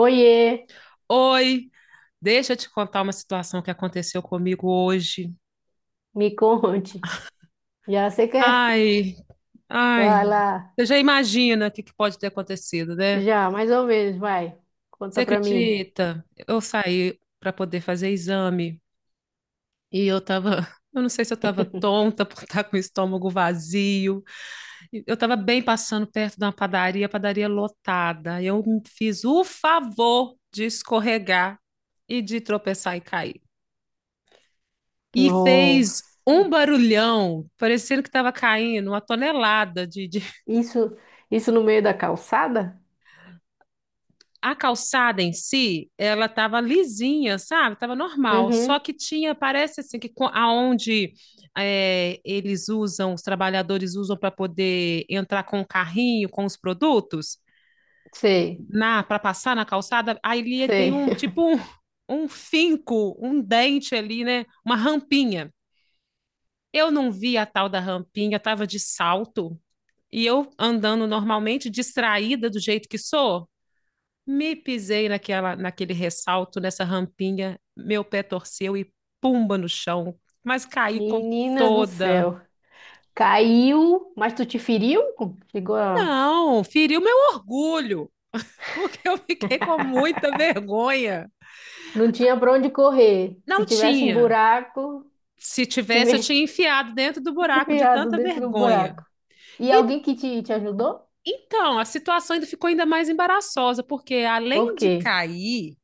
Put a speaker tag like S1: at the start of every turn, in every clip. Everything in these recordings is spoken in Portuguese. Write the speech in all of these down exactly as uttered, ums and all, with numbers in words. S1: Oiê,
S2: Oi, deixa eu te contar uma situação que aconteceu comigo hoje.
S1: me conte. Já você quer?
S2: Ai,
S1: Vai
S2: ai,
S1: lá.
S2: você já imagina o que que pode ter acontecido, né?
S1: Já, mais ou menos, vai.
S2: Você
S1: Conta pra mim.
S2: acredita? Eu saí para poder fazer exame e eu tava, eu não sei se eu tava tonta por estar com o estômago vazio. E Eu tava bem passando perto de uma padaria, padaria lotada. Eu fiz o favor de escorregar e de tropeçar e cair. E fez
S1: Nossa.
S2: um barulhão, parecendo que estava caindo uma tonelada de, de...
S1: Isso, isso no meio da calçada?
S2: A calçada em si, ela estava lisinha, sabe? Estava normal, só
S1: Uhum.
S2: que tinha, parece assim, que aonde é, eles usam, os trabalhadores usam para poder entrar com o carrinho, com os produtos,
S1: Sei,
S2: na para passar na calçada, aí ali tem
S1: sei.
S2: um tipo um, um finco, um dente ali, né? Uma rampinha. Eu não vi a tal da rampinha, eu estava de salto, e eu andando normalmente, distraída do jeito que sou, me pisei naquela, naquele ressalto, nessa rampinha, meu pé torceu e pumba no chão, mas caí com
S1: Menina do
S2: toda.
S1: céu. Caiu, mas tu te feriu? Chegou a.
S2: Não, feriu meu orgulho, porque eu fiquei com muita vergonha.
S1: Não tinha pra onde correr. Se
S2: Não
S1: tivesse um
S2: tinha.
S1: buraco,
S2: Se
S1: te
S2: tivesse, eu
S1: me-
S2: tinha enfiado dentro do buraco de
S1: enfiado
S2: tanta
S1: dentro do
S2: vergonha.
S1: buraco. E
S2: E
S1: alguém que te, te ajudou?
S2: então, a situação ainda ficou ainda mais embaraçosa, porque
S1: Por
S2: além de
S1: quê?
S2: cair,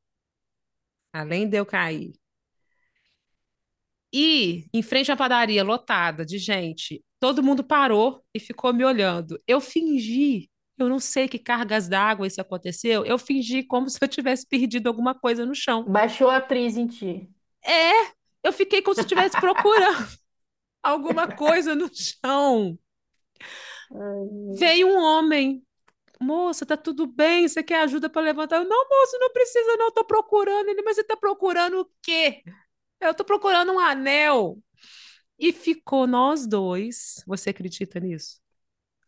S2: além de eu cair, e em frente à padaria lotada de gente, todo mundo parou e ficou me olhando. Eu fingi, eu não sei que cargas d'água isso aconteceu, eu fingi como se eu tivesse perdido alguma coisa no chão.
S1: Baixou a atriz em ti.
S2: É, eu fiquei como se eu estivesse procurando alguma coisa no chão.
S1: Ai,
S2: Veio um homem. Moça, tá tudo bem? Você quer ajuda para levantar? Não, moço, não precisa, não. Eu tô procurando ele, mas você tá procurando o quê? Eu tô procurando um anel. E ficou nós dois. Você acredita nisso?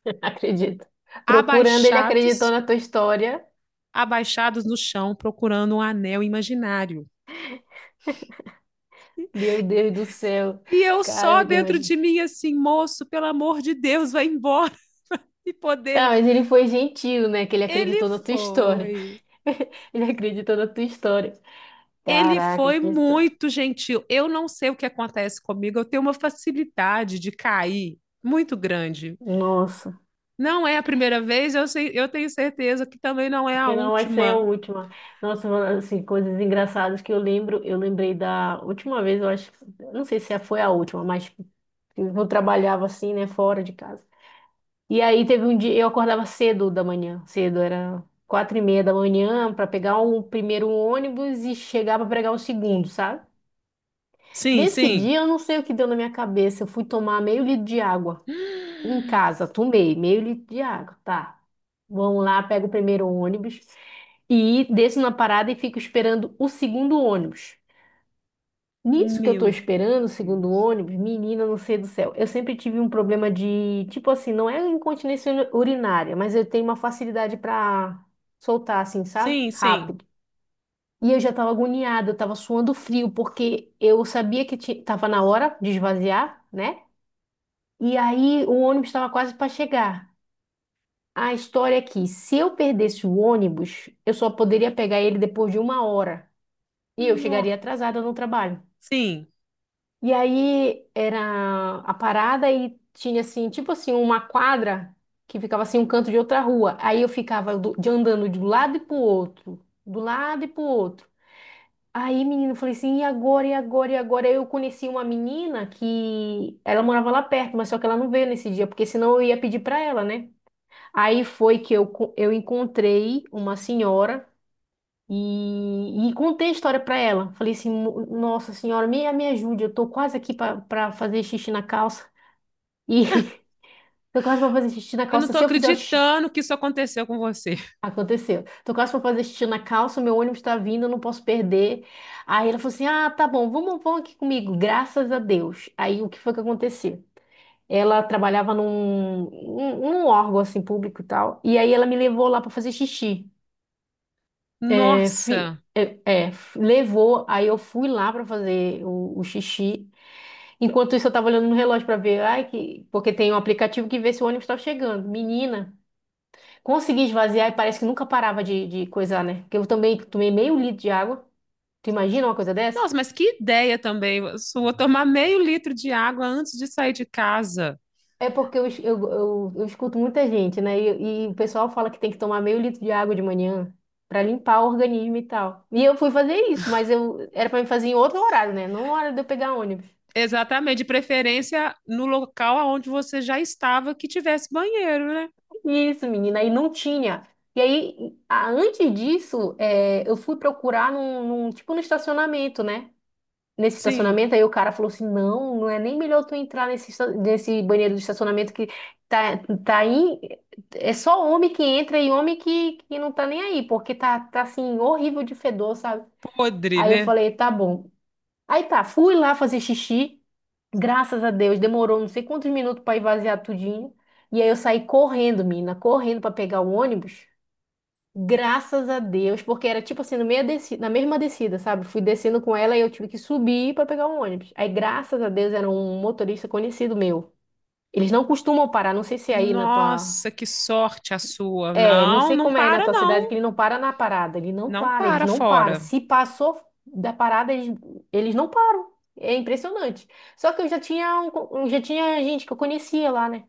S1: acredito. Procurando, ele acreditou
S2: Abaixados,
S1: na tua história.
S2: abaixados no chão, procurando um anel imaginário.
S1: Meu Deus do céu.
S2: E eu
S1: Cara, eu
S2: só
S1: fico
S2: dentro de
S1: imaginando.
S2: mim assim, moço, pelo amor de Deus, vai embora e
S1: Ah,
S2: poder.
S1: mas ele foi gentil, né? Que ele
S2: Ele
S1: acreditou na tua história.
S2: foi.
S1: Ele acreditou na tua história.
S2: Ele
S1: Caraca,
S2: foi
S1: que história.
S2: muito gentil. Eu não sei o que acontece comigo, eu tenho uma facilidade de cair muito grande.
S1: Nossa,
S2: Não é a primeira vez, eu, sei, eu tenho certeza que também não é a
S1: que não vai ser a
S2: última.
S1: última. Nossa, mano, assim, coisas engraçadas que eu lembro. Eu lembrei da última vez, eu acho, eu não sei se foi a última, mas eu trabalhava assim, né, fora de casa. E aí teve um dia, eu acordava cedo da manhã, cedo, era quatro e meia da manhã para pegar o primeiro ônibus e chegar para pegar o segundo, sabe?
S2: Sim,
S1: Nesse
S2: sim.
S1: dia eu não sei o que deu na minha cabeça, eu fui tomar meio litro de água em casa, tomei meio litro de água, tá? Vamos lá, pego o primeiro ônibus e desço na parada e fico esperando o segundo ônibus. Nisso que eu tô
S2: Meu
S1: esperando, segundo o
S2: Deus.
S1: ônibus, menina, não sei do céu. Eu sempre tive um problema de, tipo assim, não é incontinência uri- urinária, mas eu tenho uma facilidade pra soltar, assim, sabe?
S2: Sim, sim.
S1: Rápido. E eu já tava agoniada, eu tava suando frio, porque eu sabia que ti- tava na hora de esvaziar, né? E aí o ônibus estava quase para chegar. A história é que, se eu perdesse o ônibus, eu só poderia pegar ele depois de uma hora. E eu chegaria
S2: Nó.
S1: atrasada no trabalho.
S2: Sim.
S1: E aí era a parada e tinha assim, tipo assim, uma quadra que ficava assim um canto de outra rua. Aí eu ficava do- de andando de um lado e pro outro, do lado e pro outro. Aí, menino, eu falei assim, e agora, e agora, e agora? Aí eu conheci uma menina que ela morava lá perto, mas só que ela não veio nesse dia, porque senão eu ia pedir pra ela, né? Aí foi que eu, co- eu encontrei uma senhora e, e contei a história para ela. Falei assim, "No- nossa senhora, me, me ajude, eu tô quase aqui para fazer xixi na calça. E tô quase para fazer xixi na
S2: Eu não
S1: calça.
S2: tô
S1: Se eu fizer o xixi,
S2: acreditando que isso aconteceu com você.
S1: aconteceu. Tô quase para fazer xixi na calça, meu ônibus tá vindo, eu não posso perder. Aí ela falou assim: ah, tá bom, vamos, vamos aqui comigo, graças a Deus. Aí o que foi que aconteceu? Ela trabalhava num, num num órgão assim público e tal. E aí ela me levou lá para fazer xixi. É, fi-
S2: Nossa,
S1: é, é, f- levou, aí eu fui lá pra fazer o, o xixi. Enquanto isso, eu tava olhando no relógio pra ver, ai, que, porque tem um aplicativo que vê se o ônibus tá chegando. Menina, consegui esvaziar e parece que nunca parava de, de coisar, né? Porque eu também tomei meio litro de água. Tu imagina uma coisa dessa?
S2: nossa, mas que ideia também sua tomar meio litro de água antes de sair de casa.
S1: É porque eu, es- eu, eu, eu escuto muita gente, né? E, e o pessoal fala que tem que tomar meio litro de água de manhã pra limpar o organismo e tal. E eu fui fazer isso, mas eu era pra me fazer em outro horário, né? Não na hora de eu pegar ônibus.
S2: Exatamente, de preferência no local aonde você já estava que tivesse banheiro, né?
S1: Isso, menina, e não tinha. E aí, a- antes disso, é, eu fui procurar num, num- tipo no estacionamento, né? Nesse
S2: Sim,
S1: estacionamento, aí o cara falou assim: não, não é nem melhor tu entrar nesse, esta- nesse banheiro do estacionamento que tá, tá aí. É só homem que entra e homem que, que não tá nem aí, porque tá, tá assim, horrível de fedor, sabe?
S2: podre,
S1: Aí eu
S2: né?
S1: falei: tá bom. Aí tá, fui lá fazer xixi. Graças a Deus, demorou não sei quantos minutos para esvaziar tudinho. E aí eu saí correndo, mina, correndo para pegar o ônibus. Graças a Deus, porque era tipo assim, no meio desci- na mesma descida, sabe? Fui descendo com ela e eu tive que subir para pegar o ônibus. Aí, graças a Deus, era um motorista conhecido meu. Eles não costumam parar, não sei se é aí na tua
S2: Nossa, que sorte a sua.
S1: é, não
S2: Não,
S1: sei
S2: não
S1: como é na
S2: para
S1: tua cidade,
S2: não.
S1: que ele não para na parada. Ele não
S2: Não
S1: para, eles
S2: para
S1: não param.
S2: fora.
S1: Se passou da parada, eles, eles não param. É impressionante. Só que eu já tinha, um co- eu já tinha gente que eu conhecia lá, né?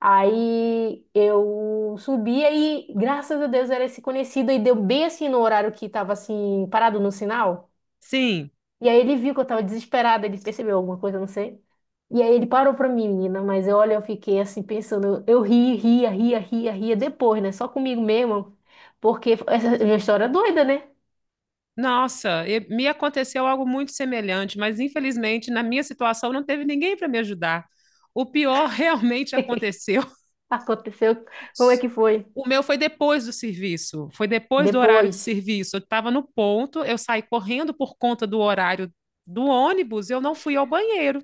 S1: Aí eu subia e, graças a Deus, era esse conhecido. E deu bem assim no horário que tava assim, parado no sinal.
S2: Sim,
S1: E aí ele viu que eu tava desesperada, ele percebeu alguma coisa, eu não sei. E aí ele parou pra mim, menina, mas eu, olha, eu fiquei assim pensando, eu ri, ria, ria, ria, ria depois, né? Só comigo mesmo, porque essa é uma história é doida, né?
S2: nossa, e- me aconteceu algo muito semelhante, mas infelizmente na minha situação não teve ninguém para me ajudar. O pior realmente aconteceu.
S1: Aconteceu, como é que foi?
S2: O meu foi depois do serviço, foi depois do horário de
S1: Depois.
S2: serviço. Eu estava no ponto, eu saí correndo por conta do horário do ônibus, eu não fui ao banheiro.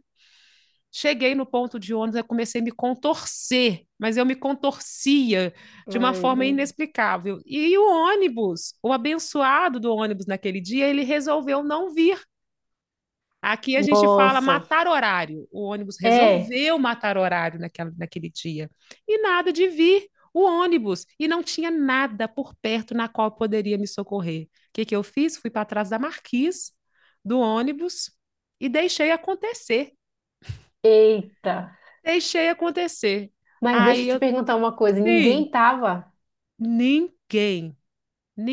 S2: Cheguei no ponto de ônibus, eu comecei a me contorcer, mas eu me contorcia de uma
S1: Ai,
S2: forma inexplicável. E o ônibus, o abençoado do ônibus naquele dia, ele resolveu não vir. Aqui a gente fala
S1: nossa.
S2: matar horário. O ônibus
S1: É,
S2: resolveu matar horário naquela, naquele dia. E nada de vir o ônibus. E não tinha nada por perto na qual poderia me socorrer. O que, que eu fiz? Fui para trás da marquise do ônibus e deixei acontecer.
S1: eita.
S2: Deixei acontecer.
S1: Mas deixa
S2: Aí
S1: eu te
S2: eu,
S1: perguntar uma coisa,
S2: sim,
S1: ninguém tava?
S2: ninguém,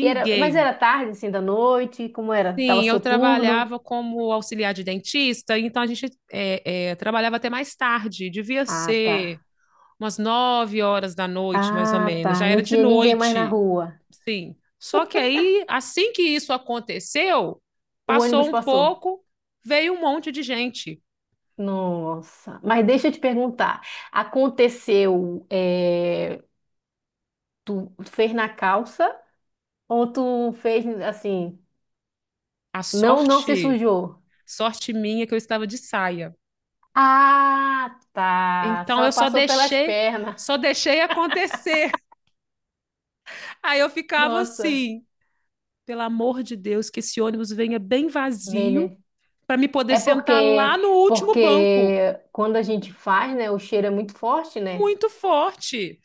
S1: E era, mas era tarde, assim, da noite, como era? Tava
S2: Sim, eu
S1: soturno?
S2: trabalhava como auxiliar de dentista, então a gente é, é, trabalhava até mais tarde, devia
S1: Ah, tá.
S2: ser umas nove horas da noite, mais ou
S1: Ah,
S2: menos, já
S1: tá. Não
S2: era de
S1: tinha ninguém mais na
S2: noite,
S1: rua.
S2: sim. Só que aí, assim que isso aconteceu,
S1: O
S2: passou
S1: ônibus
S2: um
S1: passou.
S2: pouco, veio um monte de gente.
S1: Nossa. Mas deixa eu te perguntar. Aconteceu, é, tu fez na calça ou tu fez assim,
S2: A
S1: não, não se
S2: sorte,
S1: sujou?
S2: sorte minha é que eu estava de saia.
S1: Ah, tá.
S2: Então
S1: Só
S2: eu só
S1: passou pelas
S2: deixei,
S1: pernas.
S2: só deixei acontecer. Aí eu ficava
S1: Nossa,
S2: assim, pelo amor de Deus, que esse ônibus venha bem
S1: bem,
S2: vazio
S1: né?
S2: para me poder
S1: É
S2: sentar lá
S1: porque,
S2: no último banco.
S1: porque quando a gente faz, né, o cheiro é muito forte, né?
S2: Muito forte.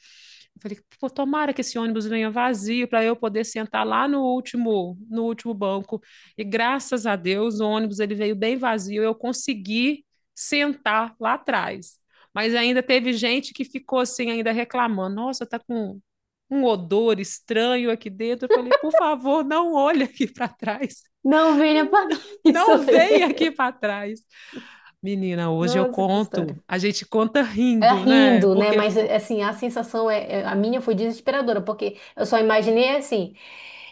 S2: Eu falei, pô, tomara que esse ônibus venha vazio para eu poder sentar lá no último, no último banco. E graças a Deus, o ônibus ele veio bem vazio, eu consegui sentar lá atrás. Mas ainda teve gente que ficou assim ainda reclamando. Nossa, tá com um odor estranho aqui dentro. Eu falei, por favor, não olhe aqui para trás.
S1: Não, venha para isso.
S2: Não venha aqui
S1: Aí.
S2: para trás. Menina, hoje eu
S1: Nossa, que
S2: conto.
S1: história.
S2: A gente conta
S1: Ela
S2: rindo, né?
S1: rindo, né?
S2: Porque,
S1: Mas assim, a sensação é, é- a minha foi desesperadora, porque eu só imaginei assim,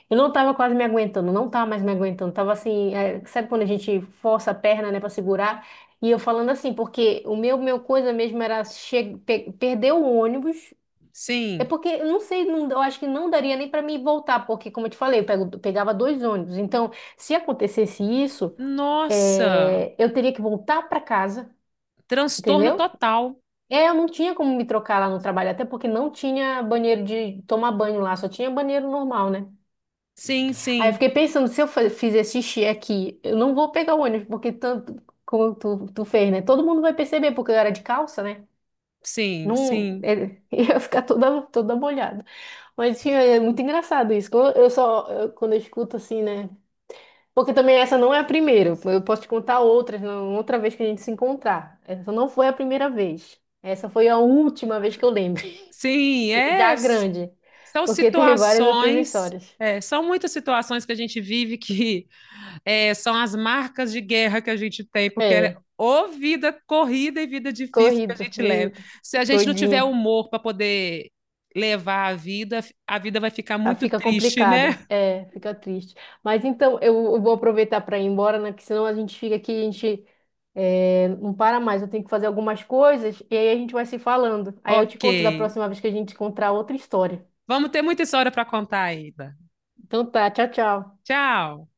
S1: eu não tava quase me aguentando, não tava mais me aguentando, tava assim, é, sabe quando a gente força a perna, né, para segurar? E eu falando assim, porque o meu meu coisa mesmo era che- pe- perder o ônibus. É
S2: sim,
S1: porque eu não sei, não- eu acho que não daria nem para mim voltar, porque como eu te falei, eu pego- pegava dois ônibus. Então, se acontecesse isso,
S2: nossa,
S1: é, eu teria que voltar para casa,
S2: transtorno
S1: entendeu?
S2: total.
S1: É, eu não tinha como me trocar lá no trabalho, até porque não tinha banheiro de tomar banho lá, só tinha banheiro normal, né?
S2: Sim,
S1: Aí eu
S2: sim,
S1: fiquei pensando, se eu fa- fizer xixi aqui, eu não vou pegar o ônibus, porque tanto como tu, tu fez, né? Todo mundo vai perceber, porque eu era de calça, né?
S2: sim,
S1: Não,
S2: sim,
S1: é, ia ficar toda, toda molhada. Mas enfim, é muito engraçado isso. Quando Eu só, eu- quando eu escuto assim, né? Porque também essa não é a primeira. Eu posso te contar outras, não- outra vez que a gente se encontrar. Essa não foi a primeira vez. Essa foi a última vez que eu lembro.
S2: sim. É,
S1: Já
S2: s-
S1: grande,
S2: são
S1: porque tem várias outras
S2: situações,
S1: histórias.
S2: é, são muitas situações que a gente vive que é, são as marcas de guerra que a gente tem, porque é
S1: É,
S2: ou vida corrida e vida difícil que a
S1: corrido,
S2: gente leva.
S1: vivido,
S2: Se a gente não tiver
S1: doidinha.
S2: humor para poder levar a vida, a vida vai ficar
S1: Ah,
S2: muito
S1: fica
S2: triste,
S1: complicada,
S2: né?
S1: é, fica triste. Mas então, eu, eu vou aproveitar para ir embora, né? Que senão a gente fica aqui, a gente é, não para mais. Eu tenho que fazer algumas coisas e aí a gente vai se falando. Aí eu te
S2: Ok.
S1: conto da próxima vez que a gente encontrar outra história.
S2: Vamos ter muita história para contar ainda.
S1: Então tá, tchau, tchau.
S2: Tchau.